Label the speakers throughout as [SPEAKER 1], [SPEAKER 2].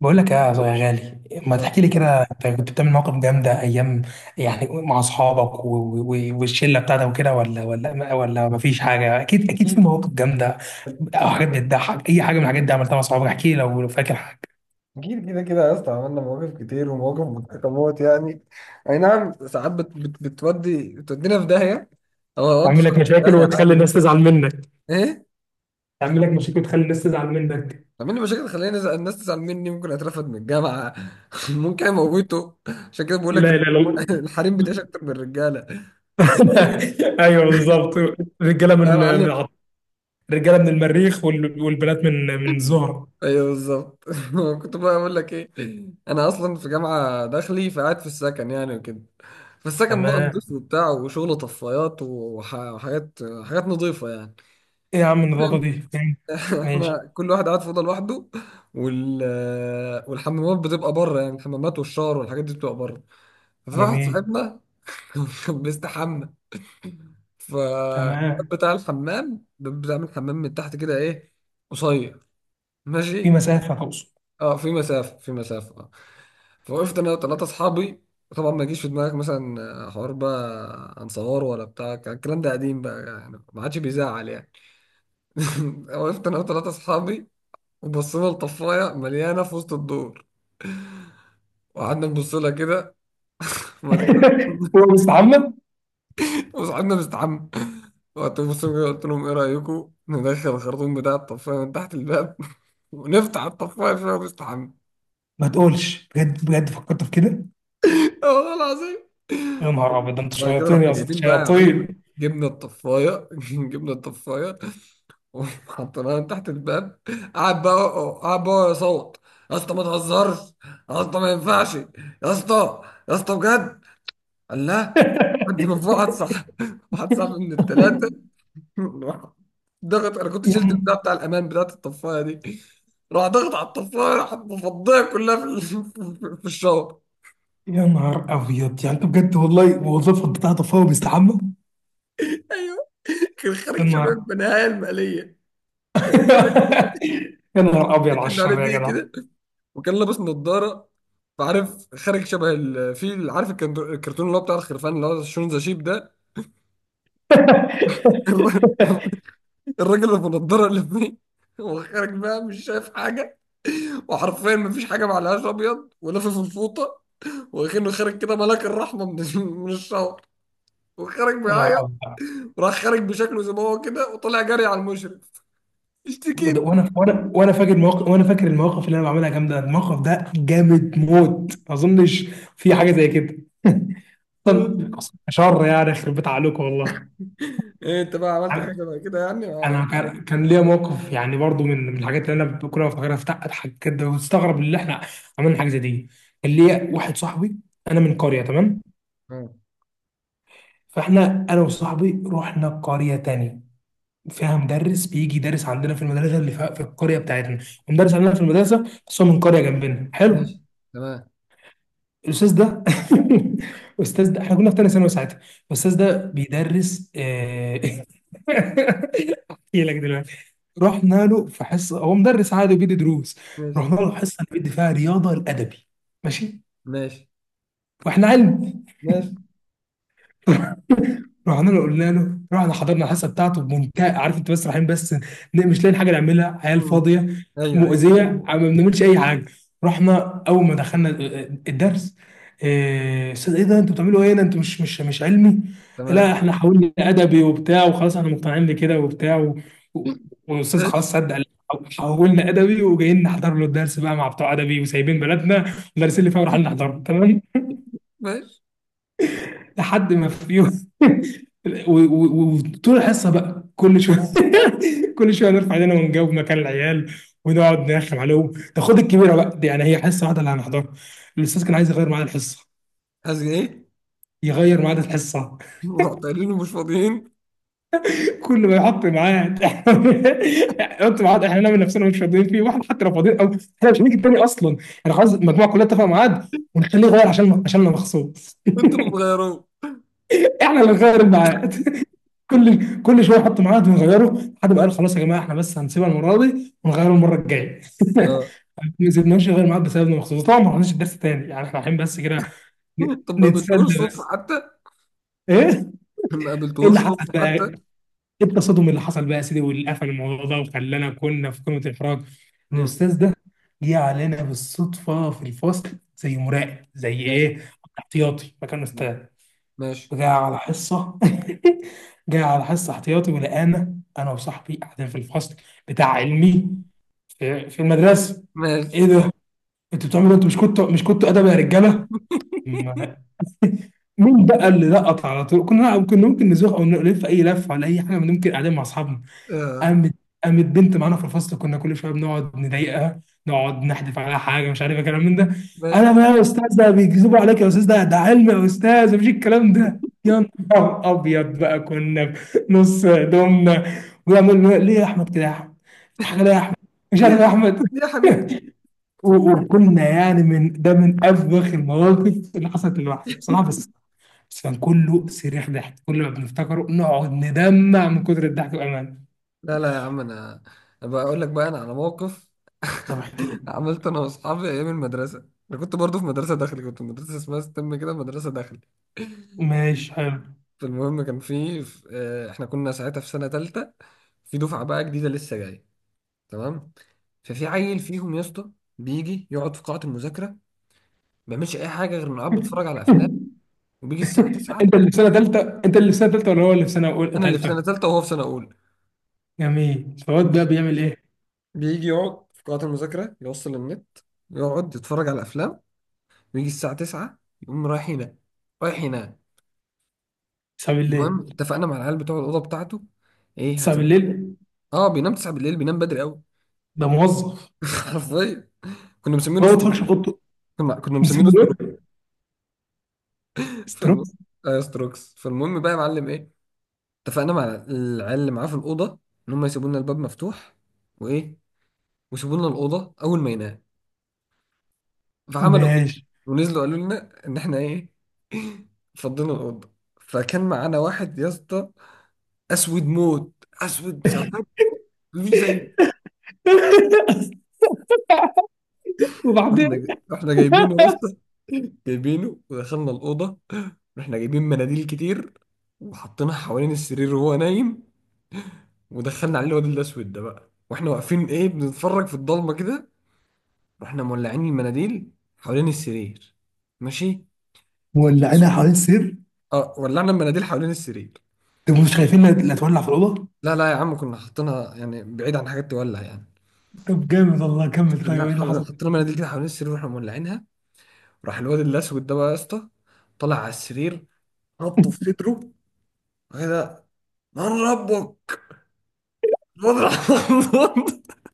[SPEAKER 1] بقول لك يا غالي، ما تحكي لي كده؟ انت كنت بتعمل مواقف جامده ايام، يعني مع اصحابك و- و- والشله بتاعتك وكده؟ ولا ولا ما فيش حاجه؟ اكيد اكيد في
[SPEAKER 2] أكيد
[SPEAKER 1] مواقف جامده او حاجات بتضحك. اي حاجه من الحاجات دي عملتها مع اصحابك احكي لي، لو لو فاكر حاجه.
[SPEAKER 2] أكيد كده كده يا اسطى، عملنا مواقف كتير ومواقف متحكمات يعني. أي نعم، ساعات بت بت بتودي بتودينا في داهية أو هودي
[SPEAKER 1] تعمل
[SPEAKER 2] صاحبي
[SPEAKER 1] لك
[SPEAKER 2] في
[SPEAKER 1] مشاكل
[SPEAKER 2] داهية
[SPEAKER 1] وتخلي
[SPEAKER 2] عادي بس.
[SPEAKER 1] الناس تزعل منك.
[SPEAKER 2] إيه؟
[SPEAKER 1] تعمل لك مشاكل وتخلي الناس تزعل منك.
[SPEAKER 2] عامل لي مشاكل، خليني الناس تزعل مني، ممكن أترفد من الجامعة ممكن أموته. عشان كده بقول لك
[SPEAKER 1] لا، لا، لا.
[SPEAKER 2] الحريم بتعيش أكتر من الرجالة.
[SPEAKER 1] ايوه بالظبط. رجاله
[SPEAKER 2] لا يا
[SPEAKER 1] من
[SPEAKER 2] معلم.
[SPEAKER 1] رجاله من المريخ، والبنات من الزهره.
[SPEAKER 2] ايوه بالظبط كنت بقى اقول لك ايه؟ انا اصلا في جامعه داخلي، فقاعد في السكن يعني وكده. فالسكن بقى
[SPEAKER 1] تمام.
[SPEAKER 2] نضيف وبتاع وشغل طفايات وحاجات، حاجات نضيفه يعني.
[SPEAKER 1] ايه يا عم النظافه دي؟ ماشي.
[SPEAKER 2] احنا كل واحد قاعد في اوضه لوحده، وال والحمامات بتبقى بره يعني، الحمامات والشاور والحاجات دي بتبقى بره. ففي واحد
[SPEAKER 1] جميل.
[SPEAKER 2] صاحبنا كان بيستحمى. ف
[SPEAKER 1] تمام.
[SPEAKER 2] بتاع الحمام بتعمل حمام من تحت كده، ايه، قصير.
[SPEAKER 1] في
[SPEAKER 2] ماشي.
[SPEAKER 1] مسافة تقصد؟
[SPEAKER 2] اه في مسافه، في مسافه. فوقفت انا وثلاثه اصحابي. طبعا ما يجيش في دماغك مثلا حوار بقى هنصور ولا بتاع، كان الكلام ده قديم بقى يعني، ما عادش بيزعل يعني. وقفت انا وثلاثه اصحابي، وبصينا لطفايه مليانه في وسط الدور، وقعدنا نبص لها كده. وبعد كده
[SPEAKER 1] هو مستعمم؟
[SPEAKER 2] وصاحبنا مستحمى. وقت بص كده، قلت لهم ايه رايكم ندخل الخرطوم بتاع الطفايه من تحت الباب ونفتح الطفايه فيها مستحمى.
[SPEAKER 1] ما تقولش، بجد بجد فكرت في كده؟
[SPEAKER 2] والله العظيم.
[SPEAKER 1] يا نهار ابيض، ده انت
[SPEAKER 2] بعد كده
[SPEAKER 1] شياطين
[SPEAKER 2] رحنا
[SPEAKER 1] يا اسطى،
[SPEAKER 2] جايبين بقى يا معلم،
[SPEAKER 1] شياطين.
[SPEAKER 2] جبنا الطفايه جبنا الطفايه، حطيناه تحت الباب. قعد بقى، قعد بقى يصوت: يا اسطى ما تهزرش، يا اسطى ما ينفعش يا اسطى، يا اسطى بجد. قال لا. حد من فوق، واحد صاحب واحد صاحب من الثلاثه ضغط. انا كنت
[SPEAKER 1] يا
[SPEAKER 2] شلت البتاع بتاع الامان بتاعت الطفايه دي. راح ضغط على الطفايه، راح مفضيه كلها في في الشاور.
[SPEAKER 1] نهار ابيض، يعني انت بجد والله؟ وظيفة بتاعته، فهو بيستحمى.
[SPEAKER 2] ايوه. كان
[SPEAKER 1] يا
[SPEAKER 2] خارج شباب
[SPEAKER 1] نهار.
[SPEAKER 2] بنهايه الماليه. كان عليه
[SPEAKER 1] يا نهار ابيض على
[SPEAKER 2] كان عليه
[SPEAKER 1] الشر يا
[SPEAKER 2] دي
[SPEAKER 1] جدع.
[SPEAKER 2] كده، وكان لابس نظارة. فعارف خارج شبه الفيل، عارف الكرتون اللي هو بتاع الخرفان اللي هو شون ذا شيب ده الر- الراجل اللي بنضاره اللي فيه. وخارج بقى مش شايف حاجة، وحرفيا مفيش حاجة. معلهاش، أبيض ولافف الفوطة، وكأنه خارج كده ملاك الرحمة من من الشهر، وخارج
[SPEAKER 1] يا نهار
[SPEAKER 2] بيعيط.
[SPEAKER 1] ابيض.
[SPEAKER 2] وراح خارج بشكله زي ما هو كده، وطلع جري على المشرف، اشتكيني.
[SPEAKER 1] وانا وانا فاكر المواقف، وانا فاكر المواقف اللي انا بعملها جامده، الموقف ده جامد موت، ما اظنش في حاجه زي كده. اصلا شر يعني، يخرب بيت عليكم والله.
[SPEAKER 2] ايه انت بقى عملت حاجة بقى كده يعني مع
[SPEAKER 1] انا
[SPEAKER 2] أصحابك؟
[SPEAKER 1] كان ليا موقف، يعني برضو من الحاجات اللي انا كل ما افتكرها اضحك كده واستغرب اللي احنا عملنا حاجه زي دي. كان ليا واحد صاحبي، انا من قريه، تمام؟
[SPEAKER 2] آه.
[SPEAKER 1] فاحنا انا وصاحبي رحنا قريه تاني فيها مدرس بيجي يدرس عندنا في المدرسه، اللي في القريه بتاعتنا. المدرس عندنا في المدرسه بس هو من قريه جنبنا، حلو.
[SPEAKER 2] ماشي. تمام.
[SPEAKER 1] الاستاذ ده، الاستاذ ده احنا كنا في تاني ثانوي ساعتها، الاستاذ ده بيدرس، آه، احكي لك دلوقتي. رحنا له في حصه، هو مدرس عادي وبيدي دروس.
[SPEAKER 2] ماشي.
[SPEAKER 1] رحنا له حصه بيدي فيها رياضه الادبي، ماشي،
[SPEAKER 2] ماشي.
[SPEAKER 1] واحنا علم.
[SPEAKER 2] ماشي.
[SPEAKER 1] رحنا له قلنا له، رحنا حضرنا الحصه بتاعته بمنتهى، عارف انت، بس رايحين بس مش لاقيين حاجه نعملها، عيال
[SPEAKER 2] مم.
[SPEAKER 1] فاضيه
[SPEAKER 2] ايوه ايوه.
[SPEAKER 1] مؤذيه، ما بنعملش اي حاجه. رحنا اول ما دخلنا الدرس: إيه، استاذ ايه ده؟ انتوا بتعملوا ايه هنا؟ انتوا مش مش علمي؟ لا
[SPEAKER 2] تمام.
[SPEAKER 1] احنا حاولنا ادبي وبتاع وخلاص احنا مقتنعين بكده وبتاع و- والاستاذ
[SPEAKER 2] ماشي.
[SPEAKER 1] خلاص صدق، قال حولنا ادبي، وجايين نحضر له الدرس بقى مع بتوع ادبي، وسايبين بلدنا المدرسين اللي فيها ورايحين نحضره، تمام.
[SPEAKER 2] ماشي.
[SPEAKER 1] لحد ما في يوم، وطول الحصه بقى كل شويه كل شويه نرفع ايدينا ونجاوب مكان العيال، ونقعد نرخم عليهم. ده خد الكبيره بقى دي، يعني هي حصه واحده اللي هنحضرها. الاستاذ كان عايز يغير ميعاد الحصه،
[SPEAKER 2] عايز ايه؟
[SPEAKER 1] يغير ميعاد الحصه.
[SPEAKER 2] ورحت قايلين له مش فاضيين.
[SPEAKER 1] كل ما يحط ميعاد يحط ميعاد احنا نعمل نفسنا مش فاضيين فيه، واحد حتى لو فاضيين، او احنا مش هنيجي تاني اصلا، احنا خلاص المجموعه كلها اتفق ميعاد، ونخليه يغير عشان عشان انا مخصوص.
[SPEAKER 2] انتوا اللي بتغيروه.
[SPEAKER 1] احنا اللي نغير الميعاد، كل شويه نحط ميعاد ونغيره، لحد ما قال خلاص يا جماعه، احنا بس هنسيبها المره دي ونغيره المره الجايه.
[SPEAKER 2] اه.
[SPEAKER 1] ما سيبناش نغير ميعاد بسببنا مخصوص. طبعا ما حضرناش الدرس تاني، يعني احنا رايحين بس كده
[SPEAKER 2] طب ما
[SPEAKER 1] نتسلى
[SPEAKER 2] قابلتوش صدفة
[SPEAKER 1] بس.
[SPEAKER 2] حتى؟
[SPEAKER 1] ايه،
[SPEAKER 2] ما
[SPEAKER 1] ايه اللي
[SPEAKER 2] قابلتوش
[SPEAKER 1] حصل
[SPEAKER 2] صدفة
[SPEAKER 1] بقى؟
[SPEAKER 2] حتى؟
[SPEAKER 1] ايه التصادم اللي حصل بقى يا سيدي، واللي قفل الموضوع ده وخلانا كنا في قمه الاحراج؟ إن
[SPEAKER 2] مم.
[SPEAKER 1] الاستاذ ده جه علينا بالصدفه في الفصل زي مراقب، زي
[SPEAKER 2] ماشي.
[SPEAKER 1] ايه، احتياطي مكان استاذ،
[SPEAKER 2] ماشي.
[SPEAKER 1] وجاي على حصة، جاي على حصة احتياطي ولقانا أنا وصاحبي قاعدين في الفصل بتاع علمي في, في المدرسة.
[SPEAKER 2] ماشي.
[SPEAKER 1] إيه ده؟ أنتوا بتعملوا إيه؟ أنتوا مش كنتوا، مش كنتوا أدب يا رجالة؟ ما- مين بقى اللي لقط على طول؟ كنا ممكن نزوق أو نلف أي لفة ولا أي حاجة، ممكن قاعدين مع أصحابنا.
[SPEAKER 2] اه.
[SPEAKER 1] قامت قامت بنت معانا في الفصل كنا كل شويه بنقعد نضايقها، نقعد نحدف عليها حاجه مش عارف ايه، كلام من ده.
[SPEAKER 2] ماشي.
[SPEAKER 1] انا بقى: يا استاذ ده بيكذبوا عليك، يا استاذ ده ده علم، يا استاذ مفيش الكلام ده. يا نهار ابيض بقى، كنا في نص هدومنا، ويعمل ليه يا احمد كده؟ يا احمد حاجه ليه يا احمد؟ مش
[SPEAKER 2] ليه يا
[SPEAKER 1] عارف يا
[SPEAKER 2] حبيبي،
[SPEAKER 1] احمد.
[SPEAKER 2] ليه يا حبيبي.
[SPEAKER 1] وكنا يعني من ده من افوخ المواقف اللي حصلت للواحد بصراحه، بس بس كان كله صريخ ضحك، كل ما بنفتكره نقعد ندمع من كتر الضحك بامانه.
[SPEAKER 2] لا لا يا عم انا، أبقى اقول لك بقى انا على موقف.
[SPEAKER 1] طب احكي لي.
[SPEAKER 2] عملت انا واصحابي ايام المدرسة. انا كنت برضو في مدرسة داخلي، كنت في مدرسة اسمها ستم كده، مدرسة داخلي.
[SPEAKER 1] ماشي، حلو.
[SPEAKER 2] فالمهم كان احنا كنا ساعتها في سنة تالتة، في دفعة بقى جديدة لسه جاية. تمام. ففي عيل فيهم يا اسطى بيجي يقعد في قاعة المذاكرة، ما بيعملش أي حاجة غير إنه قاعد بيتفرج على أفلام، وبيجي الساعة
[SPEAKER 1] انت
[SPEAKER 2] 9.
[SPEAKER 1] اللي في سنه ثالثه؟ انت اللي في سنه ثالثه ولا هو اللي في سنه اولى،
[SPEAKER 2] أنا اللي في سنة
[SPEAKER 1] ثالثه؟
[SPEAKER 2] تالتة وهو في سنة أولى.
[SPEAKER 1] جميل، فواد بقى بيعمل ايه؟
[SPEAKER 2] بيجي يقعد في قاعة المذاكرة، يوصل النت، يقعد يتفرج على أفلام، ويجي الساعة 9 يقوم رايح ينام، رايح ينام.
[SPEAKER 1] 9
[SPEAKER 2] المهم
[SPEAKER 1] بالليل؟
[SPEAKER 2] اتفقنا مع العيال بتوع الأوضة بتاعته إيه
[SPEAKER 1] 9
[SPEAKER 2] هتبقى.
[SPEAKER 1] بالليل
[SPEAKER 2] آه بينام 9 بالليل، بينام بدري أوي.
[SPEAKER 1] ده موظف.
[SPEAKER 2] حرفيا. كنا
[SPEAKER 1] هو
[SPEAKER 2] مسمينه
[SPEAKER 1] ما بيتفرجش في اوضته؟
[SPEAKER 2] كنا مسمينه
[SPEAKER 1] مسمي
[SPEAKER 2] ستروكس.
[SPEAKER 1] ايه؟
[SPEAKER 2] فالم...
[SPEAKER 1] ستروكس.
[SPEAKER 2] ايوه ستروكس. فالمهم بقى يا معلم ايه، اتفقنا مع العيال اللي معاه في الاوضه ان هم يسيبوا لنا الباب مفتوح، وايه، ويسيبوا لنا الاوضه اول ما ينام. فعملوا كده،
[SPEAKER 1] ماشي.
[SPEAKER 2] ونزلوا قالوا لنا ان احنا ايه. فضينا الاوضه. فكان معانا واحد يا اسطى، اسود موت، اسود سواد، مش زي.
[SPEAKER 1] وبعدين؟
[SPEAKER 2] رحنا جايبينه يا اسطى، جايبينه ودخلنا الاوضه. رحنا جايبين مناديل كتير، وحطيناها حوالين السرير وهو نايم. ودخلنا عليه الواد الاسود ده بقى، واحنا واقفين ايه بنتفرج في الضلمه كده. رحنا مولعين المناديل حوالين السرير. ماشي.
[SPEAKER 1] مولعينها
[SPEAKER 2] والاسود.
[SPEAKER 1] حوالين السرير؟
[SPEAKER 2] اه، ولعنا المناديل حوالين السرير.
[SPEAKER 1] طب مش خايفين انها اللي هتولع في الاوضه؟
[SPEAKER 2] لا لا يا عم، كنا حاطينها يعني بعيد عن حاجات تولع يعني.
[SPEAKER 1] طب جامد والله، كمل، طيب
[SPEAKER 2] لا
[SPEAKER 1] ايه اللي حصل؟
[SPEAKER 2] حطينا مناديل كده حوالين السرير واحنا مولعينها. راح الواد الاسود ده بقى يا اسطى طلع على السرير، ربطه في صدره كده، من ربك، الواد راح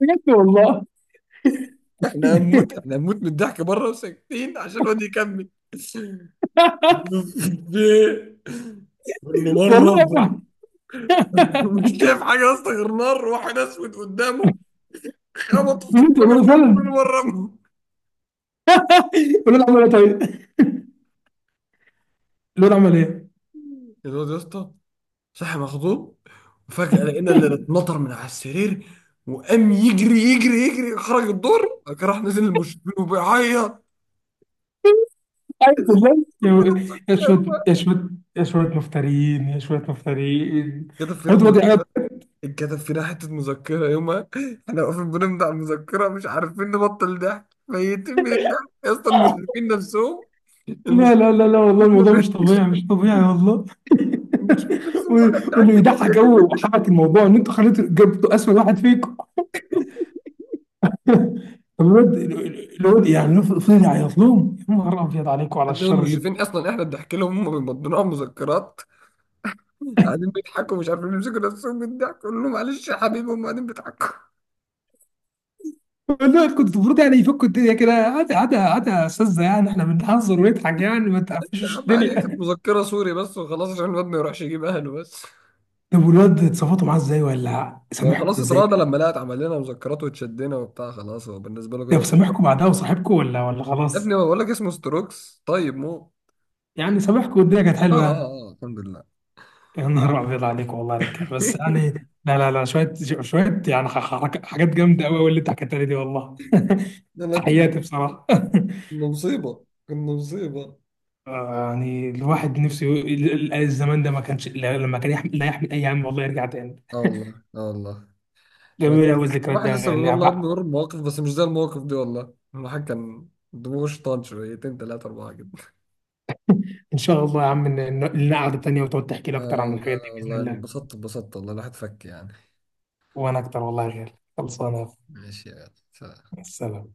[SPEAKER 1] بجد والله.
[SPEAKER 2] احنا هنموت احنا هنموت من الضحك بره، وساكتين عشان الواد يكمل كل نار
[SPEAKER 1] والله يا
[SPEAKER 2] ربه.
[SPEAKER 1] ابني.
[SPEAKER 2] مش شايف حاجه يا اسطى غير نار، واحد اسود قدامه، خبطه في
[SPEAKER 1] بجد
[SPEAKER 2] صحن من
[SPEAKER 1] والله،
[SPEAKER 2] النوم
[SPEAKER 1] فعلا.
[SPEAKER 2] كل مره ربه.
[SPEAKER 1] الولد عمل ايه طيب؟ الولد عمل ايه؟
[SPEAKER 2] الواد يا اسطى صحي مخضوب، وفجاه لقينا اللي اتنطر من على السرير، وقام يجري يجري يجري، خرج الدور، راح نزل المشرفين وبيعيط.
[SPEAKER 1] أعوذ بالله، يا شوية، يا شوية، يا شوية مفترين، يا شوية مفترين.
[SPEAKER 2] كده فينا
[SPEAKER 1] حد وضع قاعد.
[SPEAKER 2] مسكره يابا، كده فينا مسكره، اتكتب فينا حتة مذكرة يومها. احنا واقفين بنمضي على المذكرة مش عارفين نبطل ضحك، ميتين من الضحك يا اسطى، المشرفين نفسهم
[SPEAKER 1] لا، لا
[SPEAKER 2] المشرفين
[SPEAKER 1] لا لا والله
[SPEAKER 2] ما
[SPEAKER 1] الموضوع مش
[SPEAKER 2] بيضحكش.
[SPEAKER 1] طبيعي، مش طبيعي والله.
[SPEAKER 2] المشرفين نفسهم،
[SPEAKER 1] و-
[SPEAKER 2] واحنا
[SPEAKER 1] واللي
[SPEAKER 2] بنضحك لهم
[SPEAKER 1] يضحك
[SPEAKER 2] ميتين
[SPEAKER 1] قوي
[SPEAKER 2] من الضحك.
[SPEAKER 1] وحبك الموضوع ان انتوا خليتوا، جبتوا اسود واحد فيكم. طب الواد، الواد يعني فضل يعيط لهم؟ يا نهار ابيض عليكم على
[SPEAKER 2] إنهم
[SPEAKER 1] الشر اللي.
[SPEAKER 2] المشرفين اصلا احنا بنضحك لهم، هم بيمضونا على المذكرات، قاعدين بيضحكوا مش عارفين يمسكوا نفسهم من الضحك، قول لهم معلش يا حبيبي هم قاعدين بيضحكوا.
[SPEAKER 1] والله كنت المفروض يعني يفكوا الدنيا كده، عادي عادي عادي يا استاذه، يعني احنا بنهزر ونضحك، يعني ما
[SPEAKER 2] يا
[SPEAKER 1] تقفشوش
[SPEAKER 2] عم عادي، كانت
[SPEAKER 1] الدنيا.
[SPEAKER 2] مذكرة سوري بس وخلاص عشان الواد ما يروحش يجيب اهله بس.
[SPEAKER 1] طب والواد اتصرفتوا معاه ازاي ولا
[SPEAKER 2] ما هو
[SPEAKER 1] سامحكوا
[SPEAKER 2] خلاص
[SPEAKER 1] ازاي؟
[SPEAKER 2] اتراضى لما لقت عمل لنا مذكرات واتشدنا وبتاع خلاص، هو بالنسبة له
[SPEAKER 1] طب
[SPEAKER 2] كده.
[SPEAKER 1] سامحكوا بعدها وصاحبكم ولا ولا
[SPEAKER 2] يا ابني
[SPEAKER 1] خلاص؟
[SPEAKER 2] هو بقول لك اسمه ستروكس طيب مو.
[SPEAKER 1] يعني سامحكوا والدنيا كانت
[SPEAKER 2] اه
[SPEAKER 1] حلوه يعني؟
[SPEAKER 2] اه اه الحمد لله.
[SPEAKER 1] يا نهار ابيض عليك والله يا رجاله، بس يعني لا، لا، لا، شويه، شويه يعني حاجات جامده قوي قوي اللي انت حكيتها لي دي والله.
[SPEAKER 2] لا لا كنا
[SPEAKER 1] تحياتي بصراحه.
[SPEAKER 2] كنا مصيبة، كنا مصيبة.
[SPEAKER 1] آه، يعني الواحد نفسه الزمان ده ما كانش لما كان يحمل، لا يحمل اي هم، والله يرجع تاني.
[SPEAKER 2] اه والله، اه والله. شوية.
[SPEAKER 1] جميل قوي الذكريات دي
[SPEAKER 2] الواحد
[SPEAKER 1] يا
[SPEAKER 2] لسه
[SPEAKER 1] غالي.
[SPEAKER 2] بيقول
[SPEAKER 1] يعني
[SPEAKER 2] والله يا ابني
[SPEAKER 1] بقى
[SPEAKER 2] قرب مواقف بس مش زي المواقف دي والله، الواحد كان دماغه شيطان، شويتين تلاتة أربعة كده.
[SPEAKER 1] ان شاء الله يا عم، لنا قعده تانيه وتقعد تحكي لي
[SPEAKER 2] آه.
[SPEAKER 1] اكتر عن
[SPEAKER 2] لا
[SPEAKER 1] الحاجات
[SPEAKER 2] لا
[SPEAKER 1] دي باذن
[SPEAKER 2] والله أنا
[SPEAKER 1] الله.
[SPEAKER 2] اتبسطت اتبسطت، والله الواحد فك يعني.
[SPEAKER 1] وانا اكتر والله يا غالي. خلصانه يا أخوي.
[SPEAKER 2] ماشي يا غالي. سلام.
[SPEAKER 1] السلام.